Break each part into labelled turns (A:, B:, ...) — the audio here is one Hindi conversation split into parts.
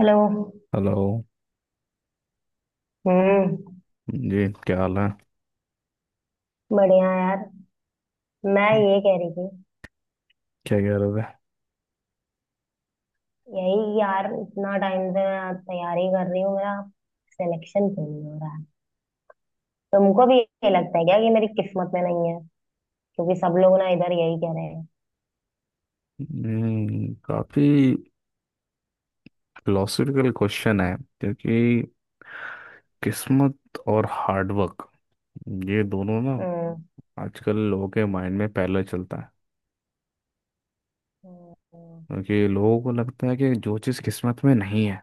A: हेलो।
B: हेलो
A: हम्म।
B: जी, क्या हाल है?
A: बढ़िया यार। मैं ये कह रही थी।
B: क्या कह रहे थे?
A: यही यार, इतना टाइम से मैं तैयारी कर रही हूँ, मेरा सिलेक्शन क्यों नहीं हो रहा है? तुमको भी ये लगता है क्या कि मेरी किस्मत में नहीं है? क्योंकि सब लोग ना इधर यही कह रहे हैं।
B: काफी फिलोसफिकल क्वेश्चन है. क्योंकि किस्मत और हार्डवर्क, ये दोनों ना
A: हम्म।
B: आजकल लोगों के माइंड में पहले चलता है.
A: हम्म।
B: क्योंकि लोगों को लगता है कि जो चीज़ किस्मत में नहीं है,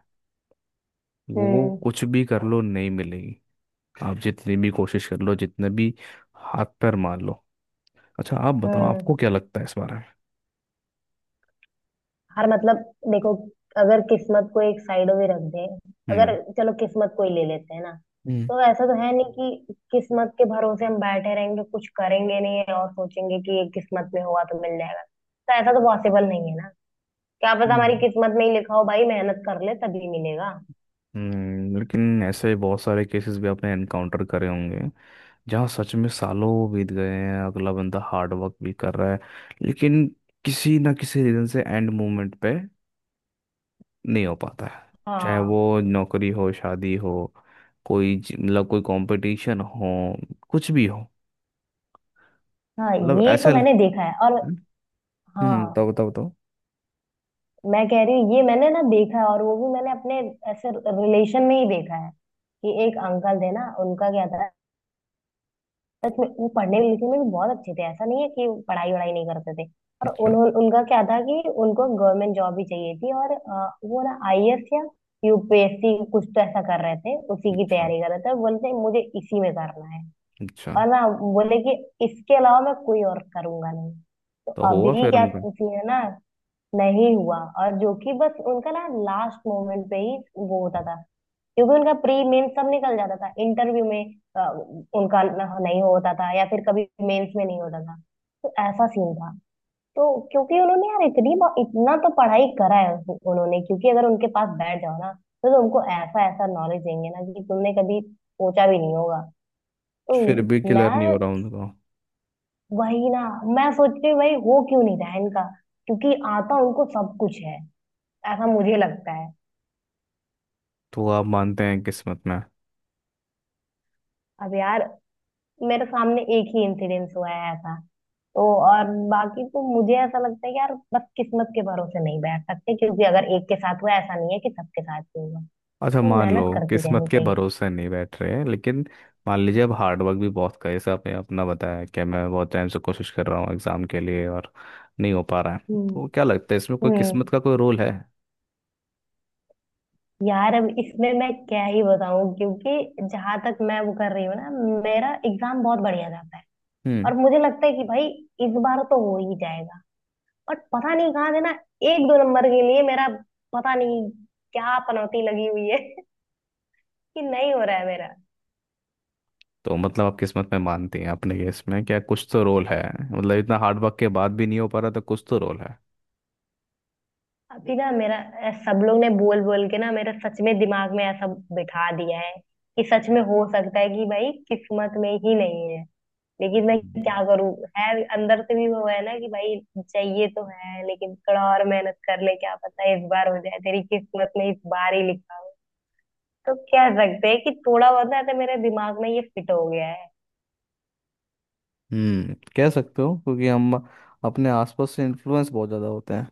B: वो
A: हम्म।
B: कुछ भी कर लो नहीं मिलेगी. आप जितनी भी कोशिश कर लो, जितने भी हाथ पैर मार लो. अच्छा, आप बताओ,
A: हम्म
B: आपको क्या लगता है इस बारे में?
A: हर मतलब, देखो, अगर किस्मत को एक साइड में रख दे, अगर
B: हम्म.
A: चलो किस्मत को ही ले लेते हैं ना। तो ऐसा तो है नहीं कि किस्मत के भरोसे हम बैठे रहेंगे, कुछ करेंगे नहीं और सोचेंगे कि ये किस्मत में हुआ तो मिल जाएगा, तो ऐसा तो पॉसिबल नहीं है ना। क्या पता हमारी
B: हम्म.
A: किस्मत में ही लिखा हो, भाई मेहनत कर ले तभी मिलेगा।
B: लेकिन ऐसे बहुत सारे केसेस भी आपने एनकाउंटर करे होंगे जहाँ सच में सालों बीत गए हैं, अगला बंदा हार्ड वर्क भी कर रहा है, लेकिन किसी ना किसी रीजन से एंड मोमेंट पे नहीं हो पाता है. चाहे
A: हाँ।
B: वो नौकरी हो, शादी हो, कोई मतलब कोई कंपटीशन हो, कुछ भी हो.
A: हाँ,
B: मतलब
A: ये
B: ऐसे
A: तो मैंने देखा है। और हाँ,
B: बताओ बताओ बताओ.
A: मैं कह रही हूँ, ये मैंने ना देखा है, और वो भी मैंने अपने ऐसे रिलेशन में ही देखा है। कि एक अंकल थे ना, उनका क्या था, सच में वो पढ़ने लिखने में भी बहुत अच्छे थे, ऐसा नहीं है कि पढ़ाई वढ़ाई नहीं करते थे। और
B: अच्छा,
A: उन्होंने, उनका क्या था कि उनको गवर्नमेंट जॉब ही चाहिए थी। और वो ना आईएएस या यूपीएससी कुछ तो ऐसा कर रहे थे, उसी की
B: अच्छा,
A: तैयारी कर रहे थे। और बोलते हैं, मुझे इसी में करना है।
B: अच्छा.
A: और ना बोले कि इसके अलावा मैं कोई और करूंगा नहीं। तो
B: तो हुआ
A: अभी
B: फिर
A: क्या
B: उनका?
A: सीन है ना, नहीं हुआ। और जो कि बस उनका ना लास्ट मोमेंट पे ही वो होता था, क्योंकि उनका प्री मेंस सब निकल जाता था, इंटरव्यू में उनका न- नहीं होता था, या फिर कभी मेंस में नहीं होता था। तो ऐसा सीन था। तो क्योंकि उन्होंने यार इतना तो पढ़ाई करा है। उन्होंने, क्योंकि अगर उनके पास बैठ जाओ ना, तो तुमको ऐसा ऐसा नॉलेज देंगे ना कि तुमने कभी सोचा भी नहीं होगा। तो
B: फिर भी क्लियर नहीं
A: मैं,
B: हो रहा उनका?
A: वही ना, मैं सोचती हूँ भाई हो क्यों नहीं रहा है इनका, क्योंकि आता उनको सब कुछ है, ऐसा मुझे लगता है।
B: तो आप मानते हैं किस्मत में?
A: अब यार, मेरे सामने एक ही इंसिडेंस हुआ है ऐसा। तो और बाकी तो मुझे ऐसा लगता है कि यार बस किस्मत के भरोसे नहीं बैठ सकते, क्योंकि अगर एक के साथ हुआ, ऐसा नहीं है कि सबके साथ ही होगा।
B: अच्छा,
A: तो
B: मान लो.
A: मेहनत करती
B: किस्मत
A: रहनी
B: के
A: चाहिए।
B: भरोसे नहीं बैठ रहे हैं, लेकिन मान लीजिए अब हार्डवर्क भी बहुत का है. जैसे आपने अपना बताया कि मैं बहुत टाइम से कोशिश कर रहा हूँ एग्जाम के लिए और नहीं हो पा रहा है,
A: हम्म।
B: तो क्या लगता है, इसमें कोई किस्मत
A: हम्म
B: का कोई रोल है?
A: यार, अब इसमें मैं क्या ही बताऊं, क्योंकि जहां तक मैं वो कर रही हूँ ना, मेरा एग्जाम बहुत बढ़िया जाता है।
B: हम्म.
A: और मुझे लगता है कि भाई इस बार तो हो ही जाएगा, बट पता नहीं कहाँ से ना एक दो नंबर के लिए मेरा, पता नहीं क्या पनौती लगी हुई है कि नहीं हो रहा है मेरा।
B: तो मतलब आप किस्मत में मानती हैं, अपने केस में क्या कुछ तो रोल है? मतलब इतना हार्डवर्क के बाद भी नहीं हो पा रहा, तो कुछ तो रोल है?
A: अभी ना मेरा सब लोग ने बोल बोल के ना मेरा सच में दिमाग में ऐसा बिठा दिया है कि सच में हो सकता है कि भाई किस्मत में ही नहीं है। लेकिन मैं
B: हम्म.
A: क्या करूं, है अंदर से भी वो है ना कि भाई चाहिए तो है, लेकिन थोड़ा और मेहनत कर ले, क्या पता इस बार हो जाए, तेरी किस्मत में इस बार ही लिखा हो। तो कह सकते हैं कि थोड़ा बहुत ना ऐसे मेरे दिमाग में ये फिट हो गया है।
B: कह सकते हो क्योंकि हम अपने आसपास से इन्फ्लुएंस बहुत ज़्यादा होते हैं.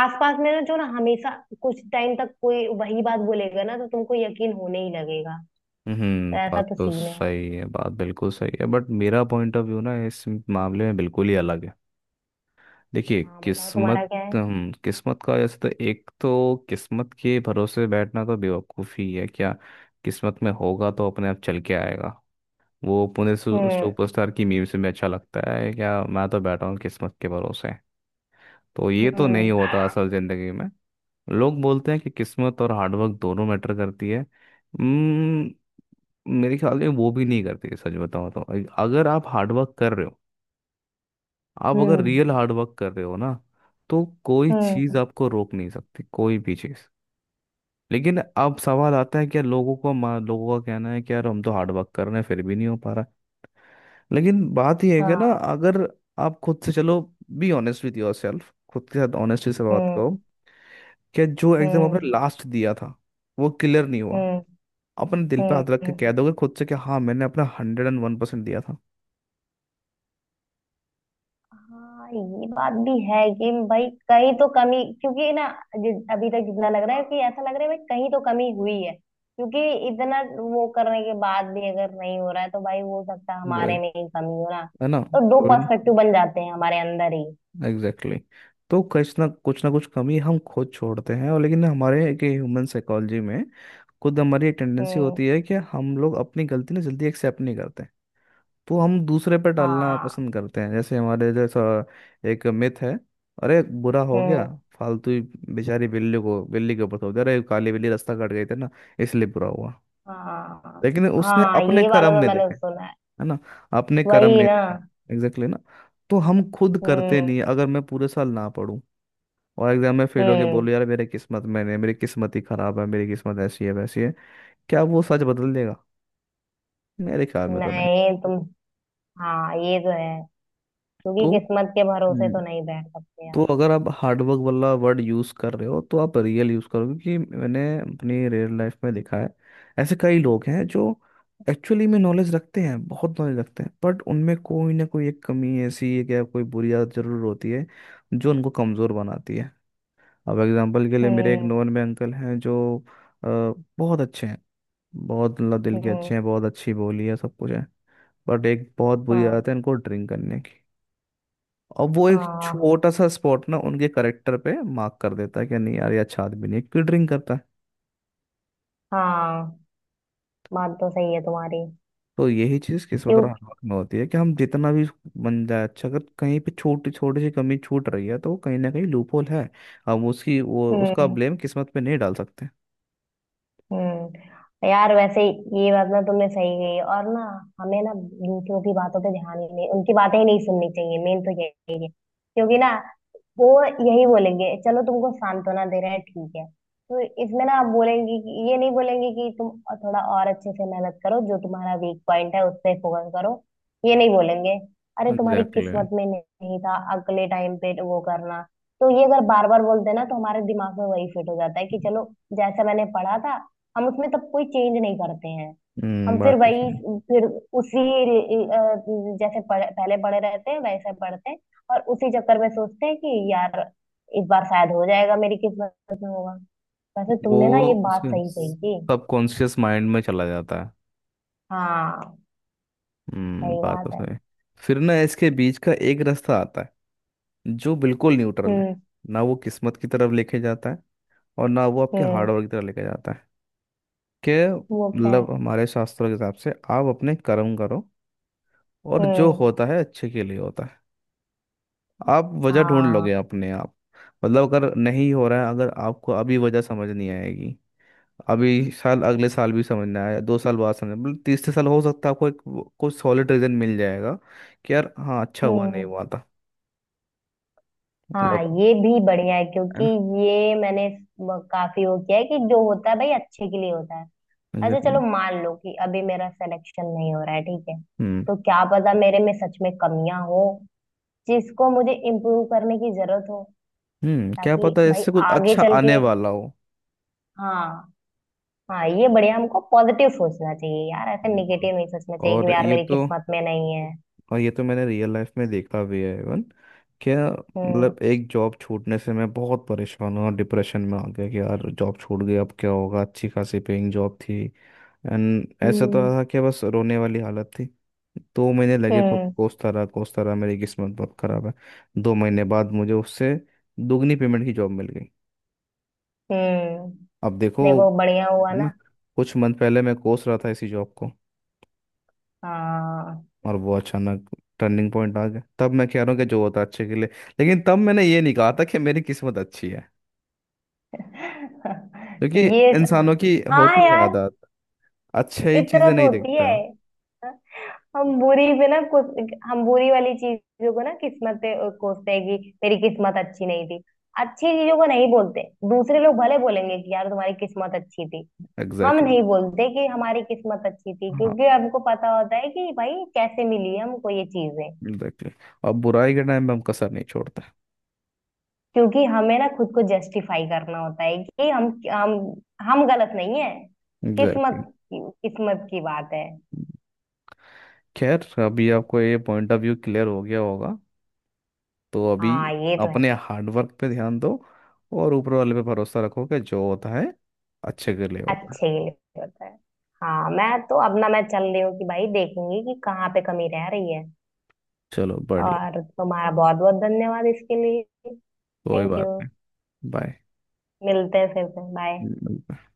A: आसपास में ना, जो ना हमेशा कुछ टाइम तक कोई वही बात बोलेगा ना, तो तुमको यकीन होने ही लगेगा। तो ऐसा
B: बात
A: तो
B: तो
A: सीन है।
B: सही है, बात बिल्कुल सही है, बट मेरा पॉइंट ऑफ व्यू ना इस मामले में बिल्कुल ही अलग है. देखिए,
A: हाँ बताओ, तुम्हारा
B: किस्मत,
A: क्या है?
B: किस्मत का जैसे, तो एक तो किस्मत के भरोसे बैठना तो बेवकूफ़ी है क्या? किस्मत में होगा तो अपने आप चल के आएगा. वो पुणे
A: हम्म।
B: सुपरस्टार की मीम से भी अच्छा लगता है, क्या मैं तो बैठा हूँ किस्मत के भरोसे? तो ये तो नहीं
A: हम्म।
B: होता असल ज़िंदगी में. लोग बोलते हैं कि किस्मत और हार्डवर्क दोनों मैटर करती है. हम्म, मेरे ख्याल में वो भी नहीं करते, सच बताओ तो. अगर आप हार्डवर्क कर रहे हो, आप अगर
A: हम्म।
B: रियल हार्डवर्क कर रहे हो ना, तो कोई चीज़
A: हम्म
B: आपको रोक नहीं सकती, कोई भी चीज़. लेकिन अब सवाल आता है, क्या लोगों का कहना है कि यार हम तो हार्डवर्क कर रहे हैं फिर भी नहीं हो पा रहा है. लेकिन बात यह है कि ना,
A: हाँ।
B: अगर आप खुद से, चलो, be honest with yourself, खुद के साथ ऑनेस्टी से बात
A: हम्म।
B: करो कि जो एग्जाम आपने
A: हम्म।
B: लास्ट दिया था वो क्लियर नहीं हुआ,
A: हम्म।
B: अपने दिल पे हाथ रख के कह
A: हम्म
B: दोगे खुद से कि हाँ, मैंने अपना 101% दिया था?
A: हाँ, ये बात भी है कि भाई कहीं तो कमी, क्योंकि ना अभी तक जितना लग रहा है कि ऐसा लग रहा है भाई कहीं तो कमी हुई है, क्योंकि इतना वो करने के बाद भी अगर नहीं हो रहा है, तो भाई हो सकता है हमारे
B: वही.
A: में ही कमी हो ना।
B: है ना?
A: तो दो पर्सपेक्टिव बन जाते हैं हमारे अंदर ही।
B: Exactly exactly. तो कुछ ना कुछ ना कुछ कमी हम खुद छोड़ते हैं, और लेकिन हमारे एक ह्यूमन साइकोलॉजी में खुद हमारी टेंडेंसी
A: हम्म।
B: होती है कि हम लोग अपनी गलती ना जल्दी एक्सेप्ट नहीं करते. तो हम दूसरे पर डालना
A: हाँ।
B: पसंद करते हैं, जैसे हमारे जैसा एक मिथ है, अरे बुरा हो गया
A: हम्म।
B: फालतू ही, बेचारी बिल्ली के ऊपर थोप दिया, अरे काली बिल्ली रास्ता काट गई थी ना इसलिए बुरा हुआ.
A: हाँ।
B: लेकिन उसने
A: हाँ,
B: अपने
A: ये वाला
B: कर्म
A: तो
B: नहीं
A: मैंने
B: देखे.
A: सुना है।
B: है ना? अपने कर्म
A: वही
B: नहीं
A: ना।
B: देखे. एग्जैक्टली ना. तो हम खुद करते
A: हम्म।
B: नहीं, अगर मैं पूरे साल ना पढूं और एग्जाम में फेल हो गया,
A: हम्म।
B: बोलो यार मेरे किस्मत में नहीं, मेरी किस्मत ही खराब है, मेरी किस्मत ऐसी है, वैसी है. क्या वो सच बदल देगा? मेरे ख्याल में तो नहीं.
A: नहीं, तुम हाँ, ये तो है, क्योंकि किस्मत के भरोसे तो
B: तो
A: नहीं बैठ सकते यार।
B: तो अगर आप हार्डवर्क वाला वर्ड यूज़ कर रहे हो तो आप रियल यूज़ करो, क्योंकि मैंने अपनी रियल लाइफ में देखा है, ऐसे कई लोग हैं जो एक्चुअली में नॉलेज रखते हैं, बहुत नॉलेज रखते हैं, बट उनमें कोई ना कोई एक कमी ऐसी है, क्या कोई बुरी आदत जरूर होती है जो उनको कमज़ोर बनाती है. अब एग्जांपल के लिए, मेरे एक
A: हम्म।
B: नॉन में अंकल हैं जो अ, बहुत अच्छे हैं, बहुत मतलब दिल के
A: हम्म।
B: अच्छे हैं, बहुत अच्छी बोली है, सब कुछ है. बट एक बहुत बुरी
A: हाँ।
B: आदत है इनको, ड्रिंक करने की. और वो एक
A: हाँ।
B: छोटा सा स्पॉट ना उनके करेक्टर पे मार्क कर देता है, कि नहीं यार ये अच्छा आदमी नहीं है, क्यों ड्रिंक करता है.
A: हाँ, बात तो सही है तुम्हारी।
B: तो यही चीज किस्मत और
A: क्यों।
B: हाथ में होती है, कि हम जितना भी बन जाए अच्छा, अगर कहीं पे छोटी छोटी सी कमी छूट रही है, तो वो कहीं ना कहीं लूपहोल है. हम उसकी वो उसका
A: हम्म।
B: ब्लेम किस्मत पे नहीं डाल सकते.
A: यार वैसे, ये बात ना तुमने सही कही। और ना, हमें ना दूसरों की बातों पे ध्यान ही नहीं, उनकी बातें ही नहीं सुननी चाहिए, मेन तो यही है। क्योंकि ना, वो यही बोलेंगे, चलो तुमको सांत्वना दे रहे हैं ठीक है। तो इसमें ना, आप बोलेंगे कि, ये नहीं बोलेंगे कि तुम थोड़ा और अच्छे से मेहनत करो, जो तुम्हारा वीक पॉइंट है उस पे फोकस करो, ये नहीं बोलेंगे। अरे, तुम्हारी
B: एग्जैक्टली exactly.
A: किस्मत में नहीं था, अगले टाइम पे वो करना। तो ये अगर बार बार बोलते हैं ना, तो हमारे दिमाग में वही फिट हो जाता है कि चलो, जैसा मैंने पढ़ा था, हम उसमें तब कोई चेंज नहीं करते हैं। हम फिर
B: बात तो
A: वही,
B: सही.
A: फिर उसी जैसे पहले पढ़े रहते हैं वैसे पढ़ते हैं। और उसी चक्कर में सोचते हैं कि यार इस बार शायद हो जाएगा, मेरी किस्मत में होगा। वैसे
B: वो
A: तुमने ना ये बात
B: उसके
A: सही कही थी।
B: सबकॉन्शियस माइंड में चला जाता है.
A: हाँ। सही
B: बात तो
A: बात है।
B: सही. फिर ना इसके बीच का एक रास्ता आता है जो बिल्कुल न्यूट्रल है.
A: हम्म।
B: ना वो किस्मत की तरफ लेके जाता है और ना वो आपके
A: हम्म।
B: हार्डवर्क की तरह लेके जाता है. कि
A: वो क्या है?
B: मतलब हमारे शास्त्रों के हिसाब से आप अपने कर्म करो, और जो
A: हम्म।
B: होता है अच्छे के लिए होता है. आप वजह ढूंढ लोगे
A: हाँ।
B: अपने आप. मतलब अगर नहीं हो रहा है, अगर आपको अभी वजह समझ नहीं आएगी, अभी साल, अगले साल भी समझ ना आया, 2 साल बाद समझ, मतलब तीसरे साल हो सकता है आपको एक कोई सॉलिड रीजन मिल जाएगा, कि यार हाँ अच्छा हुआ नहीं
A: हम्म।
B: हुआ था.
A: हाँ,
B: मतलब.
A: ये भी बढ़िया है,
B: है
A: क्योंकि
B: ना?
A: ये मैंने काफी वो किया है कि जो होता है भाई अच्छे के लिए होता है। अच्छा चलो,
B: Exactly.
A: मान लो कि अभी मेरा सिलेक्शन नहीं हो रहा है ठीक है,
B: हम्म.
A: तो क्या पता मेरे में सच में कमियां हो, जिसको मुझे इम्प्रूव करने की जरूरत हो,
B: क्या
A: ताकि
B: पता
A: भाई
B: इससे कुछ
A: आगे
B: अच्छा
A: चल
B: आने
A: के।
B: वाला हो.
A: हाँ। हाँ, ये बढ़िया, हमको पॉजिटिव सोचना चाहिए यार, ऐसे
B: बिल्कुल.
A: निगेटिव नहीं सोचना चाहिए कि
B: और
A: यार
B: ये
A: मेरी
B: तो
A: किस्मत में नहीं है।
B: और ये तो मैंने रियल लाइफ में देखा भी है, इवन. क्या
A: हम्म।
B: मतलब, एक जॉब छूटने से मैं बहुत परेशान हूँ और डिप्रेशन में आ गया कि यार जॉब छूट गई, अब क्या होगा, अच्छी खासी पेइंग जॉब थी. एंड ऐसा तो
A: हम्म।
B: था कि बस रोने वाली हालत थी. 2 महीने लगे,
A: हम्म।
B: कोसता रहा, कोसता रहा, मेरी किस्मत बहुत खराब है. 2 महीने बाद मुझे उससे दुगनी पेमेंट की जॉब मिल गई.
A: हम्म।
B: अब देखो.
A: देखो बढ़िया हुआ
B: है ना?
A: ना।
B: कुछ मंथ पहले मैं कोस रहा था इसी जॉब को,
A: हाँ।
B: और वो अचानक टर्निंग पॉइंट आ गया. तब मैं कह रहा हूँ कि जो होता है अच्छे के लिए. लेकिन तब मैंने ये नहीं कहा था कि मेरी किस्मत अच्छी है. क्योंकि
A: ये
B: इंसानों की
A: हाँ
B: होती है
A: यार,
B: आदत, अच्छी चीजें
A: फितरत
B: नहीं
A: होती है।
B: देखता.
A: हम बुरी पे ना, कुछ हम बुरी वाली चीजों को ना किस्मत पे कोसते हैं कि मेरी किस्मत अच्छी नहीं थी। अच्छी चीजों को नहीं बोलते। दूसरे लोग भले बोलेंगे कि यार तुम्हारी किस्मत अच्छी थी। हम
B: एग्जैक्टली exactly.
A: नहीं बोलते कि हमारी किस्मत अच्छी थी,
B: हाँ.
A: क्योंकि हमको पता होता है कि भाई कैसे मिली है हमको ये चीजें।
B: Exactly exactly. और बुराई के टाइम पे हम कसर नहीं छोड़ते.
A: क्योंकि हमें ना खुद को जस्टिफाई करना होता है कि हम हम गलत नहीं है।
B: एग्जैक्टली
A: किस्मत।
B: exactly.
A: किस्मत की बात है।
B: खैर, अभी आपको ये पॉइंट ऑफ व्यू क्लियर हो गया होगा, तो अभी
A: हाँ, ये तो है।
B: अपने हार्डवर्क पे ध्यान दो और ऊपर वाले पे भरोसा रखो कि जो होता है अच्छे के लिए
A: अच्छे
B: होता है.
A: के लिए होता है। हाँ, मैं तो अब ना, मैं चल रही हूँ कि भाई देखूंगी कि कहाँ पे कमी रह रही है।
B: चलो बढ़िया.
A: और तुम्हारा बहुत बहुत धन्यवाद इसके लिए।
B: कोई
A: थैंक यू।
B: बात नहीं.
A: मिलते हैं फिर से। बाय।
B: बाय.